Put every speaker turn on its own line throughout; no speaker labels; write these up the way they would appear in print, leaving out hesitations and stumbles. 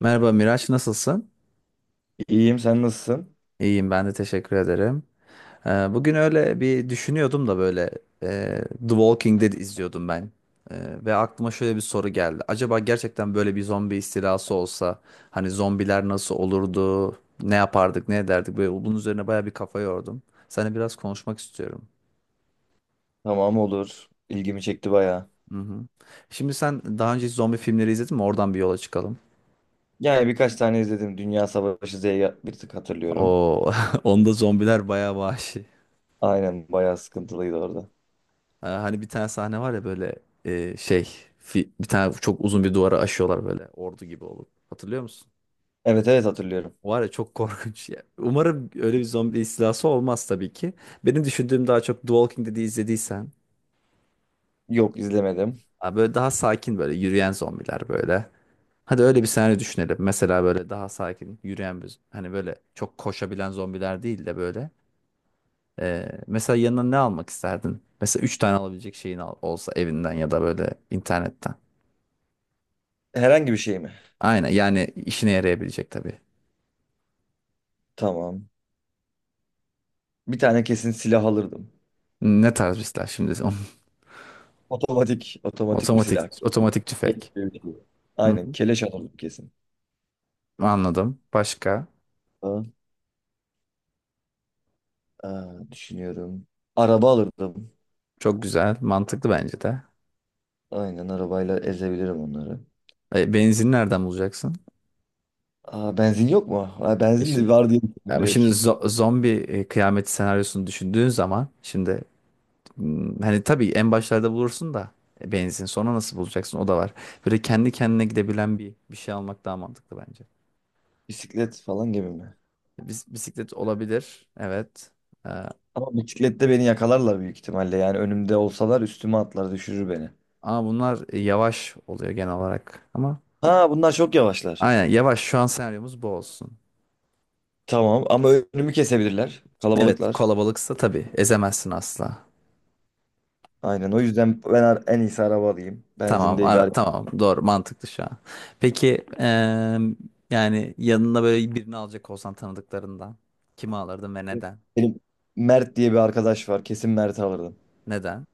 Merhaba Miraç, nasılsın?
İyiyim, sen nasılsın?
İyiyim ben de teşekkür ederim. Bugün öyle bir düşünüyordum da böyle The Walking Dead izliyordum ben. Ve aklıma şöyle bir soru geldi. Acaba gerçekten böyle bir zombi istilası olsa hani zombiler nasıl olurdu? Ne yapardık, ne ederdik? Böyle bunun üzerine baya bir kafa yordum. Seninle biraz konuşmak istiyorum.
Tamam, olur. İlgimi çekti bayağı.
Hı hı. Şimdi sen daha önce hiç zombi filmleri izledin mi? Oradan bir yola çıkalım.
Yani birkaç tane izledim. Dünya Savaşı Z'yi bir tık hatırlıyorum.
O onda zombiler bayağı vahşi.
Aynen, bayağı sıkıntılıydı orada.
Ha, hani bir tane sahne var ya böyle şey bir tane çok uzun bir duvara aşıyorlar böyle ordu gibi olup. Hatırlıyor musun?
Evet evet, hatırlıyorum.
Var ya çok korkunç ya. Umarım öyle bir zombi istilası olmaz tabii ki. Benim düşündüğüm daha çok The Walking Dead'i izlediysen
Yok, izlemedim.
ha, böyle daha sakin böyle yürüyen zombiler böyle. Hadi öyle bir senaryo düşünelim. Mesela böyle daha sakin yürüyen bir hani böyle çok koşabilen zombiler değil de böyle. Mesela yanına ne almak isterdin? Mesela üç tane alabilecek şeyin olsa evinden ya da böyle internetten.
Herhangi bir şey mi?
Aynen yani işine yarayabilecek tabii.
Tamam. Bir tane kesin silah alırdım.
Ne tarz bir şimdi?
Otomatik, otomatik bir
Otomatik,
silah.
otomatik tüfek. Hı
Aynen,
hı.
keleş alırdım kesin.
Anladım. Başka?
Aa, düşünüyorum. Araba alırdım.
Çok güzel. Mantıklı bence de.
Aynen, arabayla ezebilirim onları.
Benzin nereden bulacaksın?
Aa, benzin yok mu? Aa,
E
benzin
şimdi,
de var diye düşündüm
yani
direkt.
şimdi zombi kıyameti senaryosunu düşündüğün zaman şimdi, hani tabii en başlarda bulursun da benzin sonra nasıl bulacaksın o da var. Böyle kendi kendine gidebilen bir şey almak daha mantıklı bence.
Bisiklet falan gibi mi?
Bisiklet olabilir. Evet.
Ama bisiklette beni yakalarlar büyük ihtimalle. Yani önümde olsalar üstüme atlar, düşürür beni.
Ama bunlar yavaş oluyor genel olarak. Ama
Ha, bunlar çok yavaşlar.
aynen yavaş, şu an senaryomuz bu olsun.
Tamam ama önümü kesebilirler.
Evet,
Kalabalıklar.
kalabalıksa tabii ezemezsin asla.
Aynen, o yüzden ben en iyisi araba alayım.
Tamam,
Benzinde idare
tamam, doğru, mantıklı şu an. Peki yani yanına böyle birini alacak olsan tanıdıklarından kimi alırdın ve
edeyim.
neden?
Benim Mert diye bir arkadaş var. Kesin Mert'i alırdım.
Neden?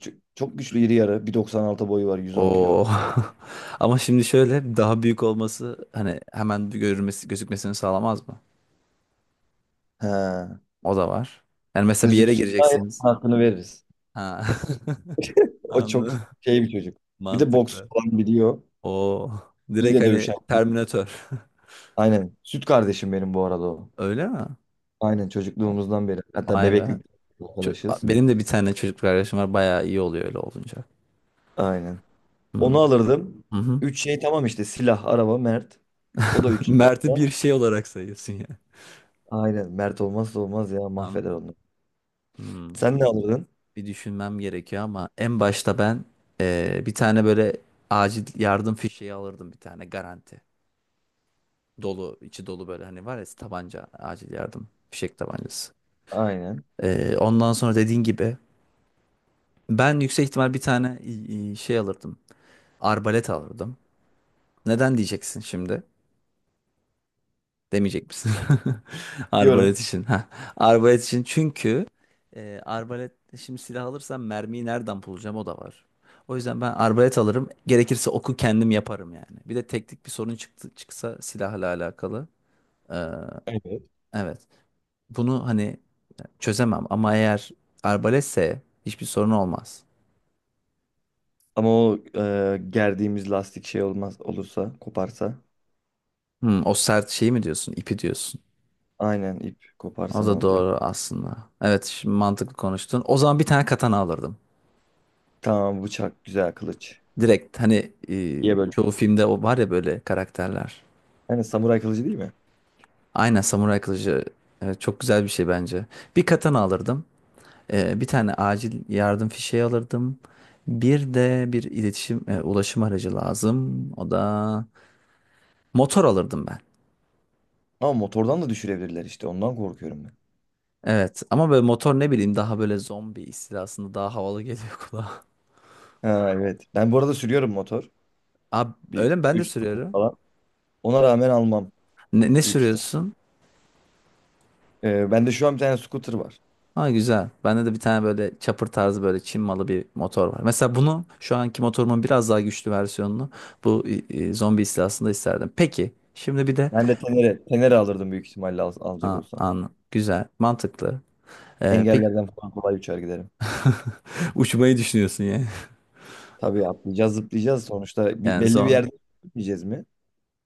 Çok güçlü, iri yarı. 1.96 boyu var, 110
Oo.
kilo.
Ama şimdi şöyle daha büyük olması hani hemen bir görülmesi, gözükmesini sağlamaz mı?
He.
O da var. Yani mesela bir yere
Gözüksün, gayet
gireceksiniz.
hakkını veririz.
Ha.
O çok
Anladım.
şey bir çocuk. Bir de boks
Mantıklı.
falan biliyor.
O
İyi
direkt
de
hani
dövüşen.
Terminator.
Aynen. Süt kardeşim benim bu arada o.
Öyle mi?
Aynen, çocukluğumuzdan beri. Hatta
Vay be.
bebeklik
Çö-
arkadaşız.
Benim de bir tane çocuk kardeşim var. Bayağı iyi oluyor öyle olunca.
Aynen.
Hmm.
Onu alırdım.
Hı hı.
Üç şey tamam işte: silah, araba, Mert. O da üç şey
Mert'i
olsa.
bir şey olarak sayıyorsun ya.
Aynen. Mert olmazsa olmaz ya, mahveder
Anladım.
onu.
Hmm.
Sen ne alırdın?
Bir düşünmem gerekiyor ama en başta ben bir tane böyle acil yardım fişeği alırdım, bir tane garanti. Dolu, içi dolu, böyle hani var ya, tabanca acil yardım fişek tabancası.
Aynen.
Ondan sonra dediğin gibi ben yüksek ihtimal bir tane şey alırdım. Arbalet alırdım. Neden diyeceksin şimdi? Demeyecek misin?
Diyorum.
Arbalet için. Ha. Arbalet için, çünkü arbalet, şimdi silah alırsam mermiyi nereden bulacağım, o da var. O yüzden ben arbalet alırım. Gerekirse oku kendim yaparım yani. Bir de teknik bir sorun çıksa silahla alakalı. Ee,
Evet.
evet. Bunu hani çözemem ama eğer arbaletse hiçbir sorun olmaz.
Ama o gerdiğimiz lastik şey olmaz, olursa koparsa.
Hmm, o sert şeyi mi diyorsun? İpi diyorsun.
Aynen, ip koparsa
O
ne
da
olacak?
doğru aslında. Evet, şimdi mantıklı konuştun. O zaman bir tane katana alırdım.
Tamam, bıçak güzel, kılıç.
Direkt hani,
Diye böyle.
çoğu filmde o var ya böyle karakterler.
Yani samuray kılıcı değil mi?
Aynen, samuray kılıcı. Evet, çok güzel bir şey bence. Bir katana alırdım. Bir tane acil yardım fişeği alırdım. Bir de bir ulaşım aracı lazım. O da motor, alırdım ben.
Ama motordan da düşürebilirler işte, ondan korkuyorum ben.
Evet ama böyle motor, ne bileyim, daha böyle zombi istilasında daha havalı geliyor kulağa.
Ha evet. Ben bu arada sürüyorum motor.
Abi
Bir
öyle mi? Ben de
3 tane
sürüyorum.
falan. Ona rağmen almam
Ne
büyük ihtimal.
sürüyorsun?
Bende şu an bir tane scooter var.
Ha, güzel. Bende de bir tane böyle chopper tarzı, böyle Çin malı bir motor var. Mesela bunu, şu anki motorumun biraz daha güçlü versiyonunu, bu zombi istilasında isterdim. Peki şimdi bir de,
Ben de Tenere alırdım büyük ihtimalle, alacak
ha,
olsam.
an güzel, mantıklı. Peki
Engellerden falan kolay uçar giderim.
uçmayı düşünüyorsun ya.
Tabii, atlayacağız, zıplayacağız. Sonuçta
Yani
belli bir
zor.
yerde gitmeyeceğiz mi?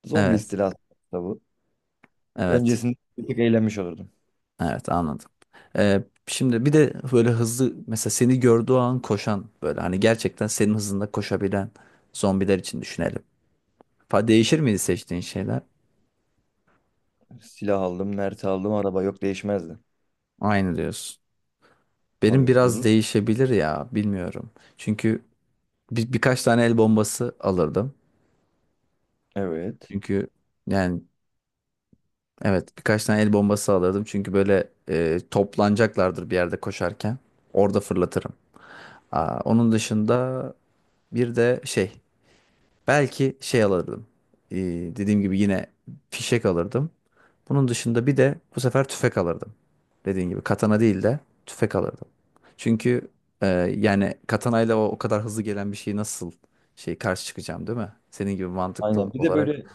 Zombi
Evet.
istilası da bu.
Evet.
Öncesinde bir tık eğlenmiş olurdum.
Evet, anladım. Şimdi bir de böyle hızlı, mesela seni gördüğü an koşan, böyle hani gerçekten senin hızında koşabilen zombiler için düşünelim. Değişir miydi seçtiğin şeyler?
Silah aldım, Mert'i aldım, araba. Yok, değişmezdi.
Aynı diyorsun. Benim
Tabii
biraz
vurur.
değişebilir ya, bilmiyorum. Çünkü birkaç tane el bombası alırdım.
Evet.
Çünkü yani evet, birkaç tane el bombası alırdım. Çünkü böyle, toplanacaklardır bir yerde koşarken. Orada fırlatırım. Aa, onun dışında bir de şey, belki şey alırdım. Ee, dediğim gibi, yine fişek alırdım. Bunun dışında bir de bu sefer tüfek alırdım. Dediğin gibi katana değil de tüfek alırdım. Çünkü e, yani katanayla o kadar hızlı gelen bir şeyi nasıl şey karşı çıkacağım, değil mi? Senin gibi mantıklı
Aynen. Bir de
olarak.
böyle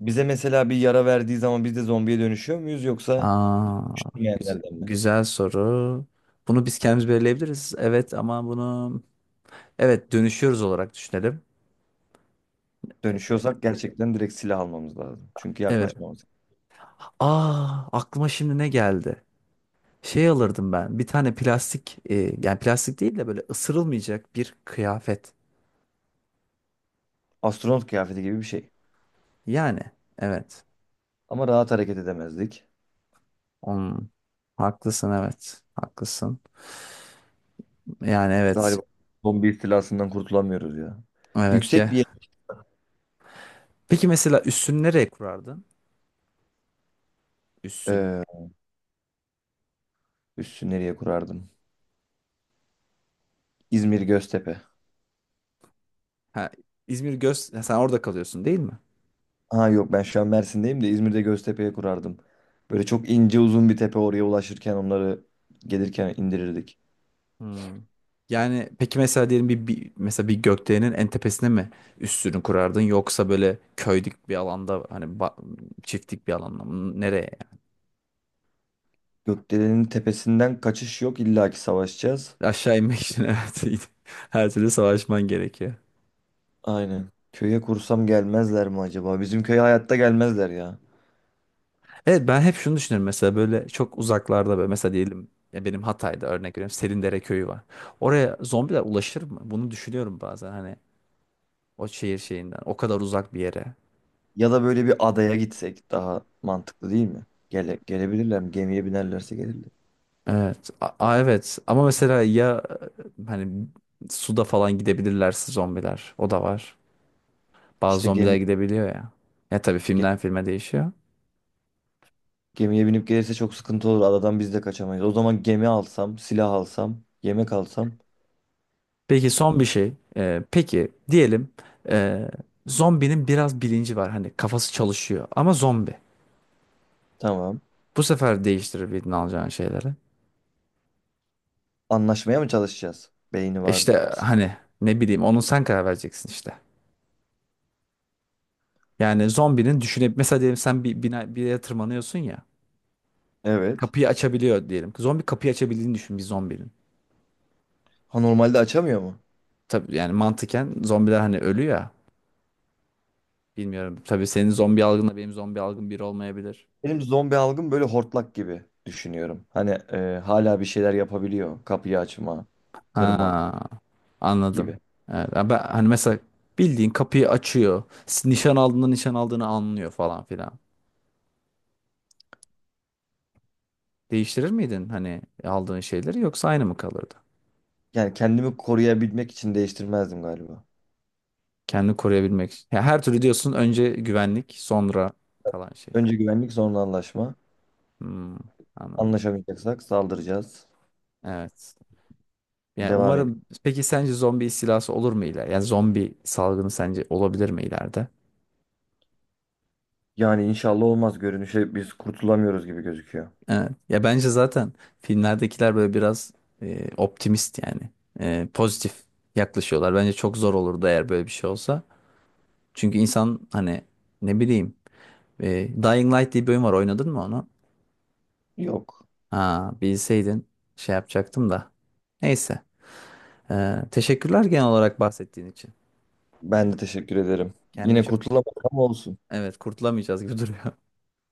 bize mesela bir yara verdiği zaman biz de zombiye dönüşüyor muyuz, yoksa
Aa, güzel,
üşümeyenlerden mi?
güzel soru. Bunu biz kendimiz belirleyebiliriz. Evet ama bunu, evet, dönüşüyoruz olarak düşünelim. E-
Dönüşüyorsak gerçekten direkt silah almamız lazım. Çünkü
Evet.
yaklaşmamız.
Aa, aklıma şimdi ne geldi? Şey alırdım ben. Bir tane plastik, yani plastik değil de böyle ısırılmayacak bir kıyafet.
Astronot kıyafeti gibi bir şey.
Yani evet.
Ama rahat hareket edemezdik.
Hmm, Haklısın, evet. Haklısın. Yani evet.
Galiba zombi istilasından kurtulamıyoruz ya.
Evet,
Yüksek
gel.
bir yer.
Peki mesela üssünü nereye kurardın? Üssünü.
Ee, Üssü nereye kurardım? İzmir Göztepe.
Ha, İzmir ha, sen orada kalıyorsun değil mi?
Ha yok, ben şu an Mersin'deyim de İzmir'de Göztepe'ye kurardım. Böyle çok ince uzun bir tepe, oraya ulaşırken onları gelirken indirirdik.
Hmm. Yani peki mesela diyelim, bir mesela bir gökdelenin en tepesine mi üssünü kurardın, yoksa böyle köylük bir alanda, hani çiftlik bir alanda mı? Nereye? Yani?
Gökdelenin tepesinden kaçış yok, illa ki savaşacağız.
Aşağı inmek için evet. iyi. Her türlü savaşman gerekiyor.
Aynen. Köye kursam gelmezler mi acaba? Bizim köye hayatta gelmezler ya.
Evet, ben hep şunu düşünürüm mesela, böyle çok uzaklarda, böyle mesela diyelim ya, benim Hatay'da örnek veriyorum, Selindere köyü var. Oraya zombiler ulaşır mı? Bunu düşünüyorum bazen, hani o şehir şeyinden o kadar uzak bir yere.
Ya da böyle bir adaya gitsek daha mantıklı değil mi? Gele, gelebilirler mi? Gemiye binerlerse gelirler.
Evet. Evet ama mesela ya, hani suda falan gidebilirlerse zombiler, o da var. Bazı
İşte
zombiler
gemi,
gidebiliyor ya. Ya tabii,
ge-
filmden filme değişiyor.
gemiye binip gelirse çok sıkıntı olur. Adadan biz de kaçamayız. O zaman gemi alsam, silah alsam, yemek alsam
Peki, son bir şey. Peki diyelim, e, zombinin biraz bilinci var, hani kafası çalışıyor, ama zombi.
tamam.
Bu sefer değiştirebildin alacağın şeyleri.
Anlaşmaya mı çalışacağız? Beyni var.
İşte hani, ne bileyim, onu sen karar vereceksin işte. Yani zombinin düşünüp, mesela diyelim, sen bir bina, bir yere tırmanıyorsun ya.
Evet.
Kapıyı açabiliyor diyelim. Zombi kapıyı açabildiğini düşün, bir zombinin.
Ha, normalde açamıyor mu?
Tabii yani mantıken zombiler hani ölü ya. Bilmiyorum. Tabii senin zombi algınla benim zombi algım bir olmayabilir.
Benim zombi algım, böyle hortlak gibi düşünüyorum. Hani hala bir şeyler yapabiliyor. Kapıyı açma, kırma
Ha, anladım.
gibi.
Evet, ben hani mesela bildiğin kapıyı açıyor, nişan aldığında nişan aldığını anlıyor falan filan. Değiştirir miydin hani aldığın şeyleri, yoksa aynı mı kalırdı?
Yani kendimi koruyabilmek için değiştirmezdim galiba.
Kendini koruyabilmek. Ya her türlü diyorsun, önce güvenlik, sonra kalan şey.
Önce güvenlik, sonra anlaşma.
Hmm, anladım.
Anlaşamayacaksak saldıracağız.
Evet. Yani
Devam edelim.
umarım, peki sence zombi istilası olur mu ileride? Yani zombi salgını sence olabilir mi ileride?
Yani inşallah olmaz. Görünüşe biz kurtulamıyoruz gibi gözüküyor.
Evet. Ya bence zaten filmlerdekiler böyle biraz, optimist yani. Pozitif yaklaşıyorlar. Bence çok zor olurdu eğer böyle bir şey olsa. Çünkü insan hani, ne bileyim, Dying Light diye bir oyun var, oynadın mı onu?
Yok.
Ha, bilseydin şey yapacaktım da. Neyse. Teşekkürler genel olarak bahsettiğin için.
Ben de teşekkür ederim.
Kendini
Yine
çok.
kurtulamadık ama olsun.
Evet, kurtulamayacağız gibi duruyor.